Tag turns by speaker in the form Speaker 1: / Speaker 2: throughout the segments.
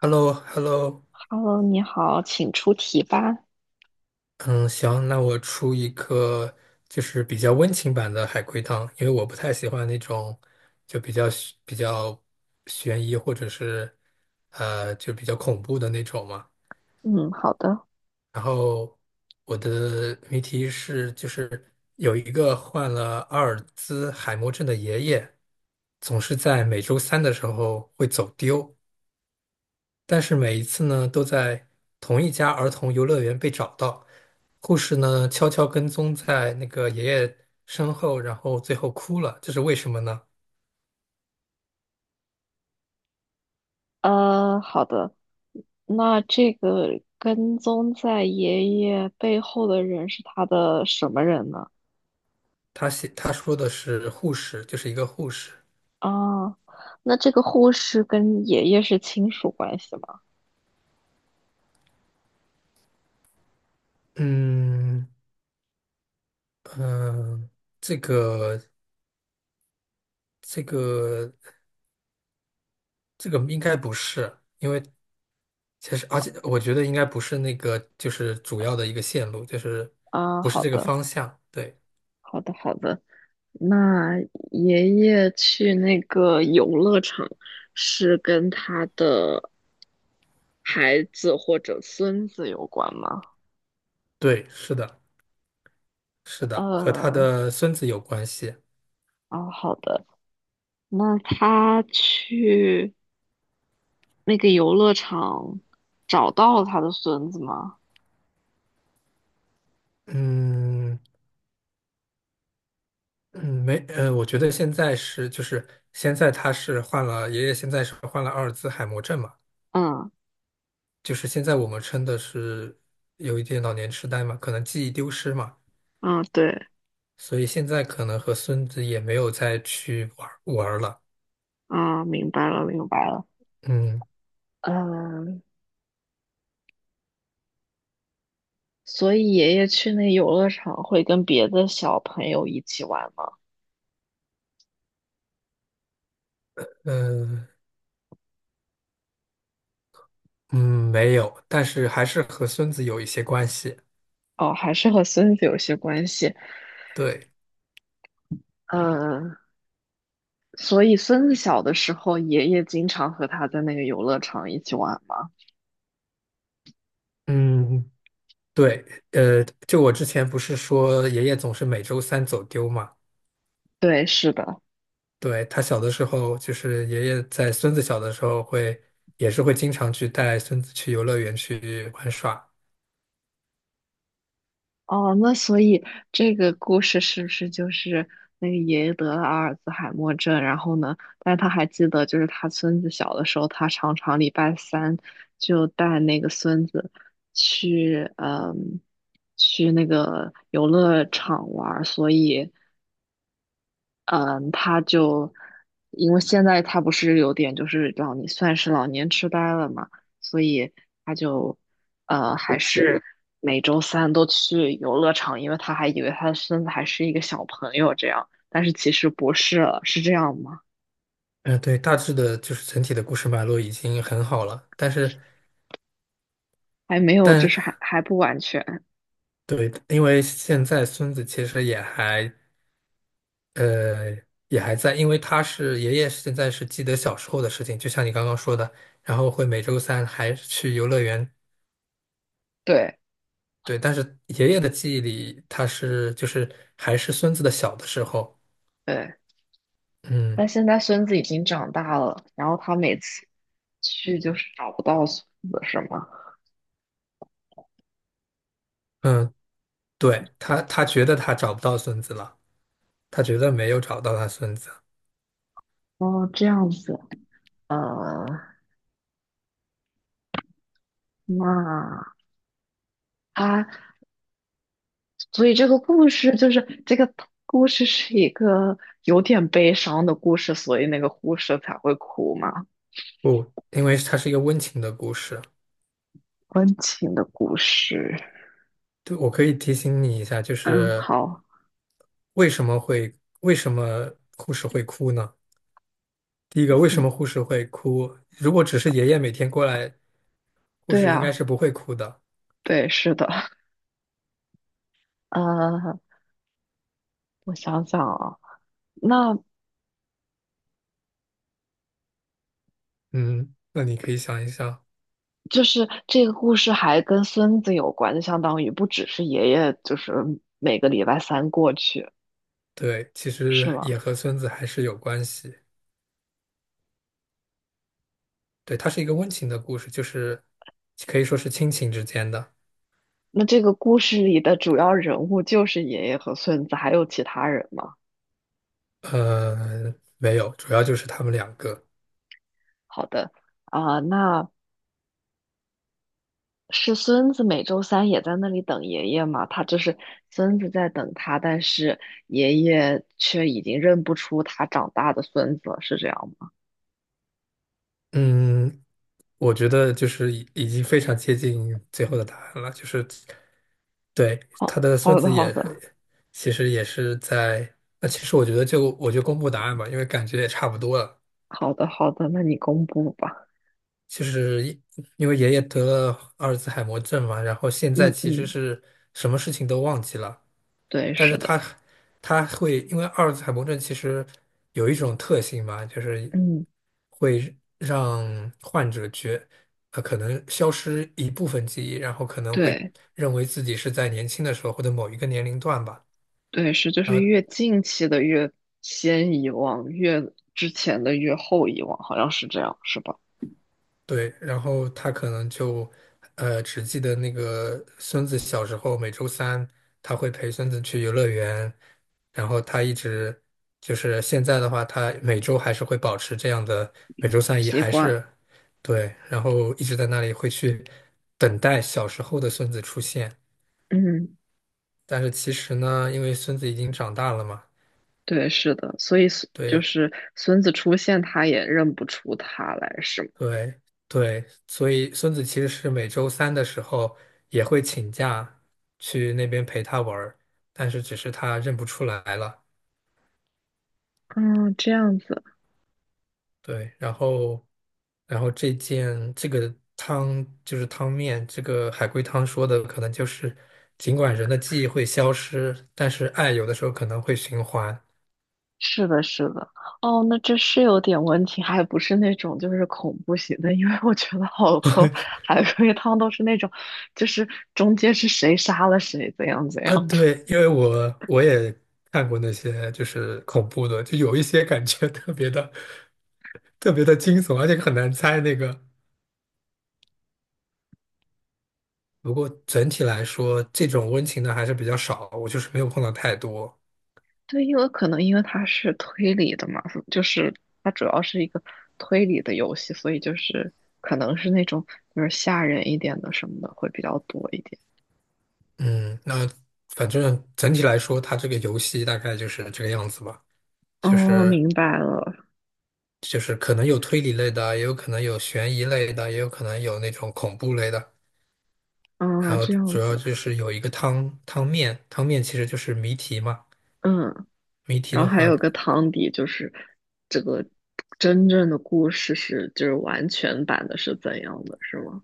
Speaker 1: h e l l o h e l l o
Speaker 2: Hello，你好，请出题吧。
Speaker 1: 嗯，行，那我出一个就是比较温情版的海龟汤，因为我不太喜欢那种就比较悬悬疑或者是就比较恐怖的那种嘛。
Speaker 2: 嗯，好的。
Speaker 1: 然后我的谜题是，就是有一个患了阿尔兹海默症的爷爷，总是在每周三的时候会走丢，但是每一次呢都在同一家儿童游乐园被找到。护士呢悄悄跟踪在那个爷爷身后，然后最后哭了，这是为什么呢？
Speaker 2: 好的，那这个跟踪在爷爷背后的人是他的什么人呢？
Speaker 1: 他写他说的是护士，就是一个护士。
Speaker 2: 啊，那这个护士跟爷爷是亲属关系吗？
Speaker 1: 嗯。嗯，这个这个这个应该不是，因为其实而且我觉得应该不是那个就是主要的一个线路，就是
Speaker 2: 啊，
Speaker 1: 不是
Speaker 2: 好
Speaker 1: 这个
Speaker 2: 的，
Speaker 1: 方向。对。
Speaker 2: 好的，好的。那爷爷去那个游乐场是跟他的孩子或者孙子有关吗？
Speaker 1: 对，是的，是的，和他
Speaker 2: 呃，
Speaker 1: 的孙子有关系。
Speaker 2: 哦，好的。那他去那个游乐场找到了他的孙子吗？
Speaker 1: 嗯。嗯，没，我觉得现在是就是现在他是患了，爷爷现在是患了阿尔兹海默症嘛，
Speaker 2: 嗯
Speaker 1: 就是现在我们称的是有一点老年痴呆嘛，可能记忆丢失嘛，
Speaker 2: 嗯，对，
Speaker 1: 所以现在可能和孙子也没有再去玩儿了。
Speaker 2: 啊，明白了明白了。
Speaker 1: 嗯，
Speaker 2: 嗯，所以爷爷去那游乐场会跟别的小朋友一起玩吗？
Speaker 1: 呃，嗯，没有，但是还是和孙子有一些关系。
Speaker 2: 哦，还是和孙子有些关系。
Speaker 1: 对。
Speaker 2: 嗯，所以孙子小的时候，爷爷经常和他在那个游乐场一起玩吗？
Speaker 1: 嗯，对，就我之前不是说爷爷总是每周三走丢嘛。
Speaker 2: 对，是的。
Speaker 1: 对，他小的时候，就是爷爷在孙子小的时候会，也是会经常去带孙子去游乐园去玩耍。
Speaker 2: 哦，那所以这个故事是不是就是那个爷爷得了阿尔兹海默症，然后呢，但是他还记得，就是他孙子小的时候，他常常礼拜三就带那个孙子去，去那个游乐场玩儿，所以嗯，他就因为现在他不是有点就是老年，算是老年痴呆了嘛，所以他就还是每周三都去游乐场，因为他还以为他的孙子还是一个小朋友这样，但是其实不是了，是这样吗？
Speaker 1: 嗯，对，大致的就是整体的故事脉络已经很好了，但是，
Speaker 2: 还没有，就
Speaker 1: 但
Speaker 2: 是还不完全，
Speaker 1: 对，因为现在孙子其实也还，呃，也还在，因为他是爷爷现在是记得小时候的事情，就像你刚刚说的，然后会每周三还去游乐园。
Speaker 2: 对
Speaker 1: 对，但是爷爷的记忆里，他是就是还是孙子的小的时候。
Speaker 2: 对，
Speaker 1: 嗯。
Speaker 2: 但现在孙子已经长大了，然后他每次去就是找不到孙子是吗？
Speaker 1: 嗯，对，他觉得他找不到孙子了，他觉得没有找到他孙子。
Speaker 2: 哦，这样子，嗯，那。所以这个故事就是这个故事是一个有点悲伤的故事，所以那个护士才会哭嘛，
Speaker 1: 不，因为他是一个温情的故事。
Speaker 2: 温情的故事。
Speaker 1: 对，我可以提醒你一下，就
Speaker 2: 嗯，
Speaker 1: 是
Speaker 2: 好，
Speaker 1: 为什么会，为什么护士会哭呢？第一个，为什
Speaker 2: 嗯，
Speaker 1: 么护士会哭？如果只是爷爷每天过来，护
Speaker 2: 对
Speaker 1: 士应该
Speaker 2: 啊，
Speaker 1: 是不会哭的。
Speaker 2: 对，是的，呃，我想想啊，那
Speaker 1: 嗯，那你可以想一想。
Speaker 2: 就是这个故事还跟孙子有关，就相当于不只是爷爷，就是每个礼拜三过去，
Speaker 1: 对，其
Speaker 2: 是
Speaker 1: 实
Speaker 2: 吗？
Speaker 1: 也和孙子还是有关系。对，它是一个温情的故事，就是可以说是亲情之间的。
Speaker 2: 那这个故事里的主要人物就是爷爷和孙子，还有其他人吗？
Speaker 1: 呃，没有，主要就是他们两个。
Speaker 2: 好的。啊，那是孙子每周三也在那里等爷爷嘛，他就是孙子在等他，但是爷爷却已经认不出他长大的孙子了，是这样吗？
Speaker 1: 嗯，我觉得就是已经非常接近最后的答案了，就是对
Speaker 2: 好，
Speaker 1: 他的孙
Speaker 2: 好的，
Speaker 1: 子
Speaker 2: 好
Speaker 1: 也
Speaker 2: 的，
Speaker 1: 其实也是在。那其实我觉得我就公布答案吧，因为感觉也差不多了。
Speaker 2: 好的，好的，那你公布吧。
Speaker 1: 就是一因为爷爷得了阿尔兹海默症嘛，然后现在
Speaker 2: 嗯
Speaker 1: 其实
Speaker 2: 嗯，
Speaker 1: 是什么事情都忘记了，
Speaker 2: 对，
Speaker 1: 但是
Speaker 2: 是的，
Speaker 1: 他会因为阿尔兹海默症其实有一种特性嘛，就是。
Speaker 2: 嗯，
Speaker 1: 会让患者觉，呃，可能消失一部分记忆，然后可能会
Speaker 2: 对
Speaker 1: 认为自己是在年轻的时候或者某一个年龄段吧。
Speaker 2: 对是，就是越近期的越先遗忘，越之前的越后遗忘，好像是这样，是吧？
Speaker 1: 对，然后他可能就只记得那个孙子小时候每周三他会陪孙子去游乐园，然后他一直就是现在的话，他每周还是会保持这样的，每周三也
Speaker 2: 习
Speaker 1: 还
Speaker 2: 惯，
Speaker 1: 是对，然后一直在那里会去等待小时候的孙子出现。
Speaker 2: 嗯，
Speaker 1: 但是其实呢，因为孙子已经长大了嘛，
Speaker 2: 对，是的，所以孙就
Speaker 1: 对
Speaker 2: 是孙子出现，他也认不出他来，是吗？
Speaker 1: 对对，所以孙子其实是每周三的时候也会请假去那边陪他玩儿，但是只是他认不出来了。
Speaker 2: 嗯，这样子，
Speaker 1: 对，然后这个汤就是汤面，这个海龟汤说的可能就是，尽管人的记忆会消失，但是爱有的时候可能会循环。
Speaker 2: 是的，是的，哦，那这是有点问题，还不是那种就是恐怖型的，因为我觉得好多海龟汤都是那种，就是中间是谁杀了谁，怎样怎
Speaker 1: 啊，
Speaker 2: 样的。
Speaker 1: 对，因为我也看过那些就是恐怖的，就有一些感觉特别的惊悚，而且很难猜那个。不过整体来说，这种温情的还是比较少，我就是没有碰到太多。
Speaker 2: 对，因为可能因为它是推理的嘛，就是它主要是一个推理的游戏，所以就是可能是那种就是吓人一点的什么的会比较多一点。
Speaker 1: 嗯，那反正整体来说，它这个游戏大概就是这个样子吧，就
Speaker 2: 哦，
Speaker 1: 是
Speaker 2: 明白了，
Speaker 1: 就是可能有推理类的，也有可能有悬疑类的，也有可能有那种恐怖类的。然
Speaker 2: 啊，
Speaker 1: 后
Speaker 2: 这样
Speaker 1: 主要
Speaker 2: 子，
Speaker 1: 就是有一个汤面，汤面其实就是谜题嘛。
Speaker 2: 嗯。
Speaker 1: 谜题
Speaker 2: 然
Speaker 1: 的
Speaker 2: 后还
Speaker 1: 话，
Speaker 2: 有个汤底，就是这个真正的故事是就是完全版的是怎样的，是吗？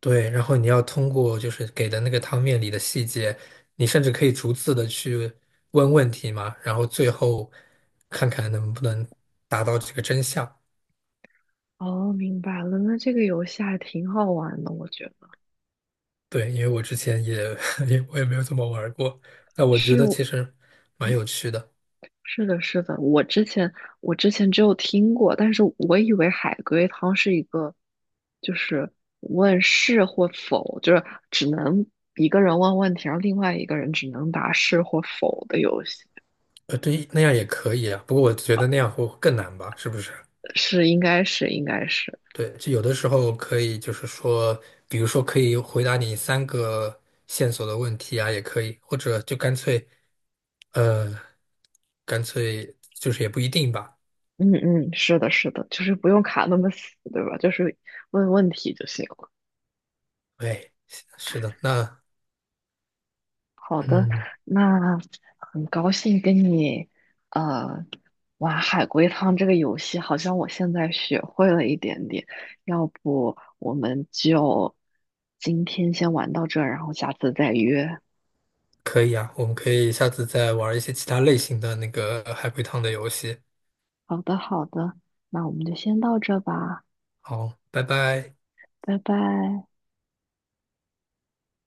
Speaker 1: 对，然后你要通过就是给的那个汤面里的细节，你甚至可以逐字的去问问题嘛，然后最后看看能不能达到这个真相。
Speaker 2: 哦，明白了。那这个游戏还挺好玩的，我觉得
Speaker 1: 对，因为我之前也 我也没有怎么玩儿过，那我觉
Speaker 2: 是
Speaker 1: 得
Speaker 2: 我
Speaker 1: 其实蛮有趣的。
Speaker 2: 是的，是的。我之前只有听过，但是我以为海龟汤是一个，就是问是或否，就是只能一个人问问题，然后另外一个人只能答是或否的游戏。
Speaker 1: 对，那样也可以啊，不过我觉得那样会更难吧，是不是？
Speaker 2: 是，应该是，应该是。
Speaker 1: 对，就有的时候可以，就是说，比如说可以回答你三个线索的问题啊，也可以，或者就干脆呃，干脆就是也不一定吧。
Speaker 2: 嗯嗯，是的，是的，就是不用卡那么死，对吧？就是问问题就行了。
Speaker 1: 哎，是的，那
Speaker 2: 好的，
Speaker 1: 嗯，
Speaker 2: 那很高兴跟你呃玩海龟汤这个游戏，好像我现在学会了一点点。要不我们就今天先玩到这儿，然后下次再约。
Speaker 1: 可以啊，我们可以下次再玩一些其他类型的那个海龟汤的游戏。
Speaker 2: 好的，好的，那我们就先到这吧，
Speaker 1: 好，拜拜。
Speaker 2: 拜拜。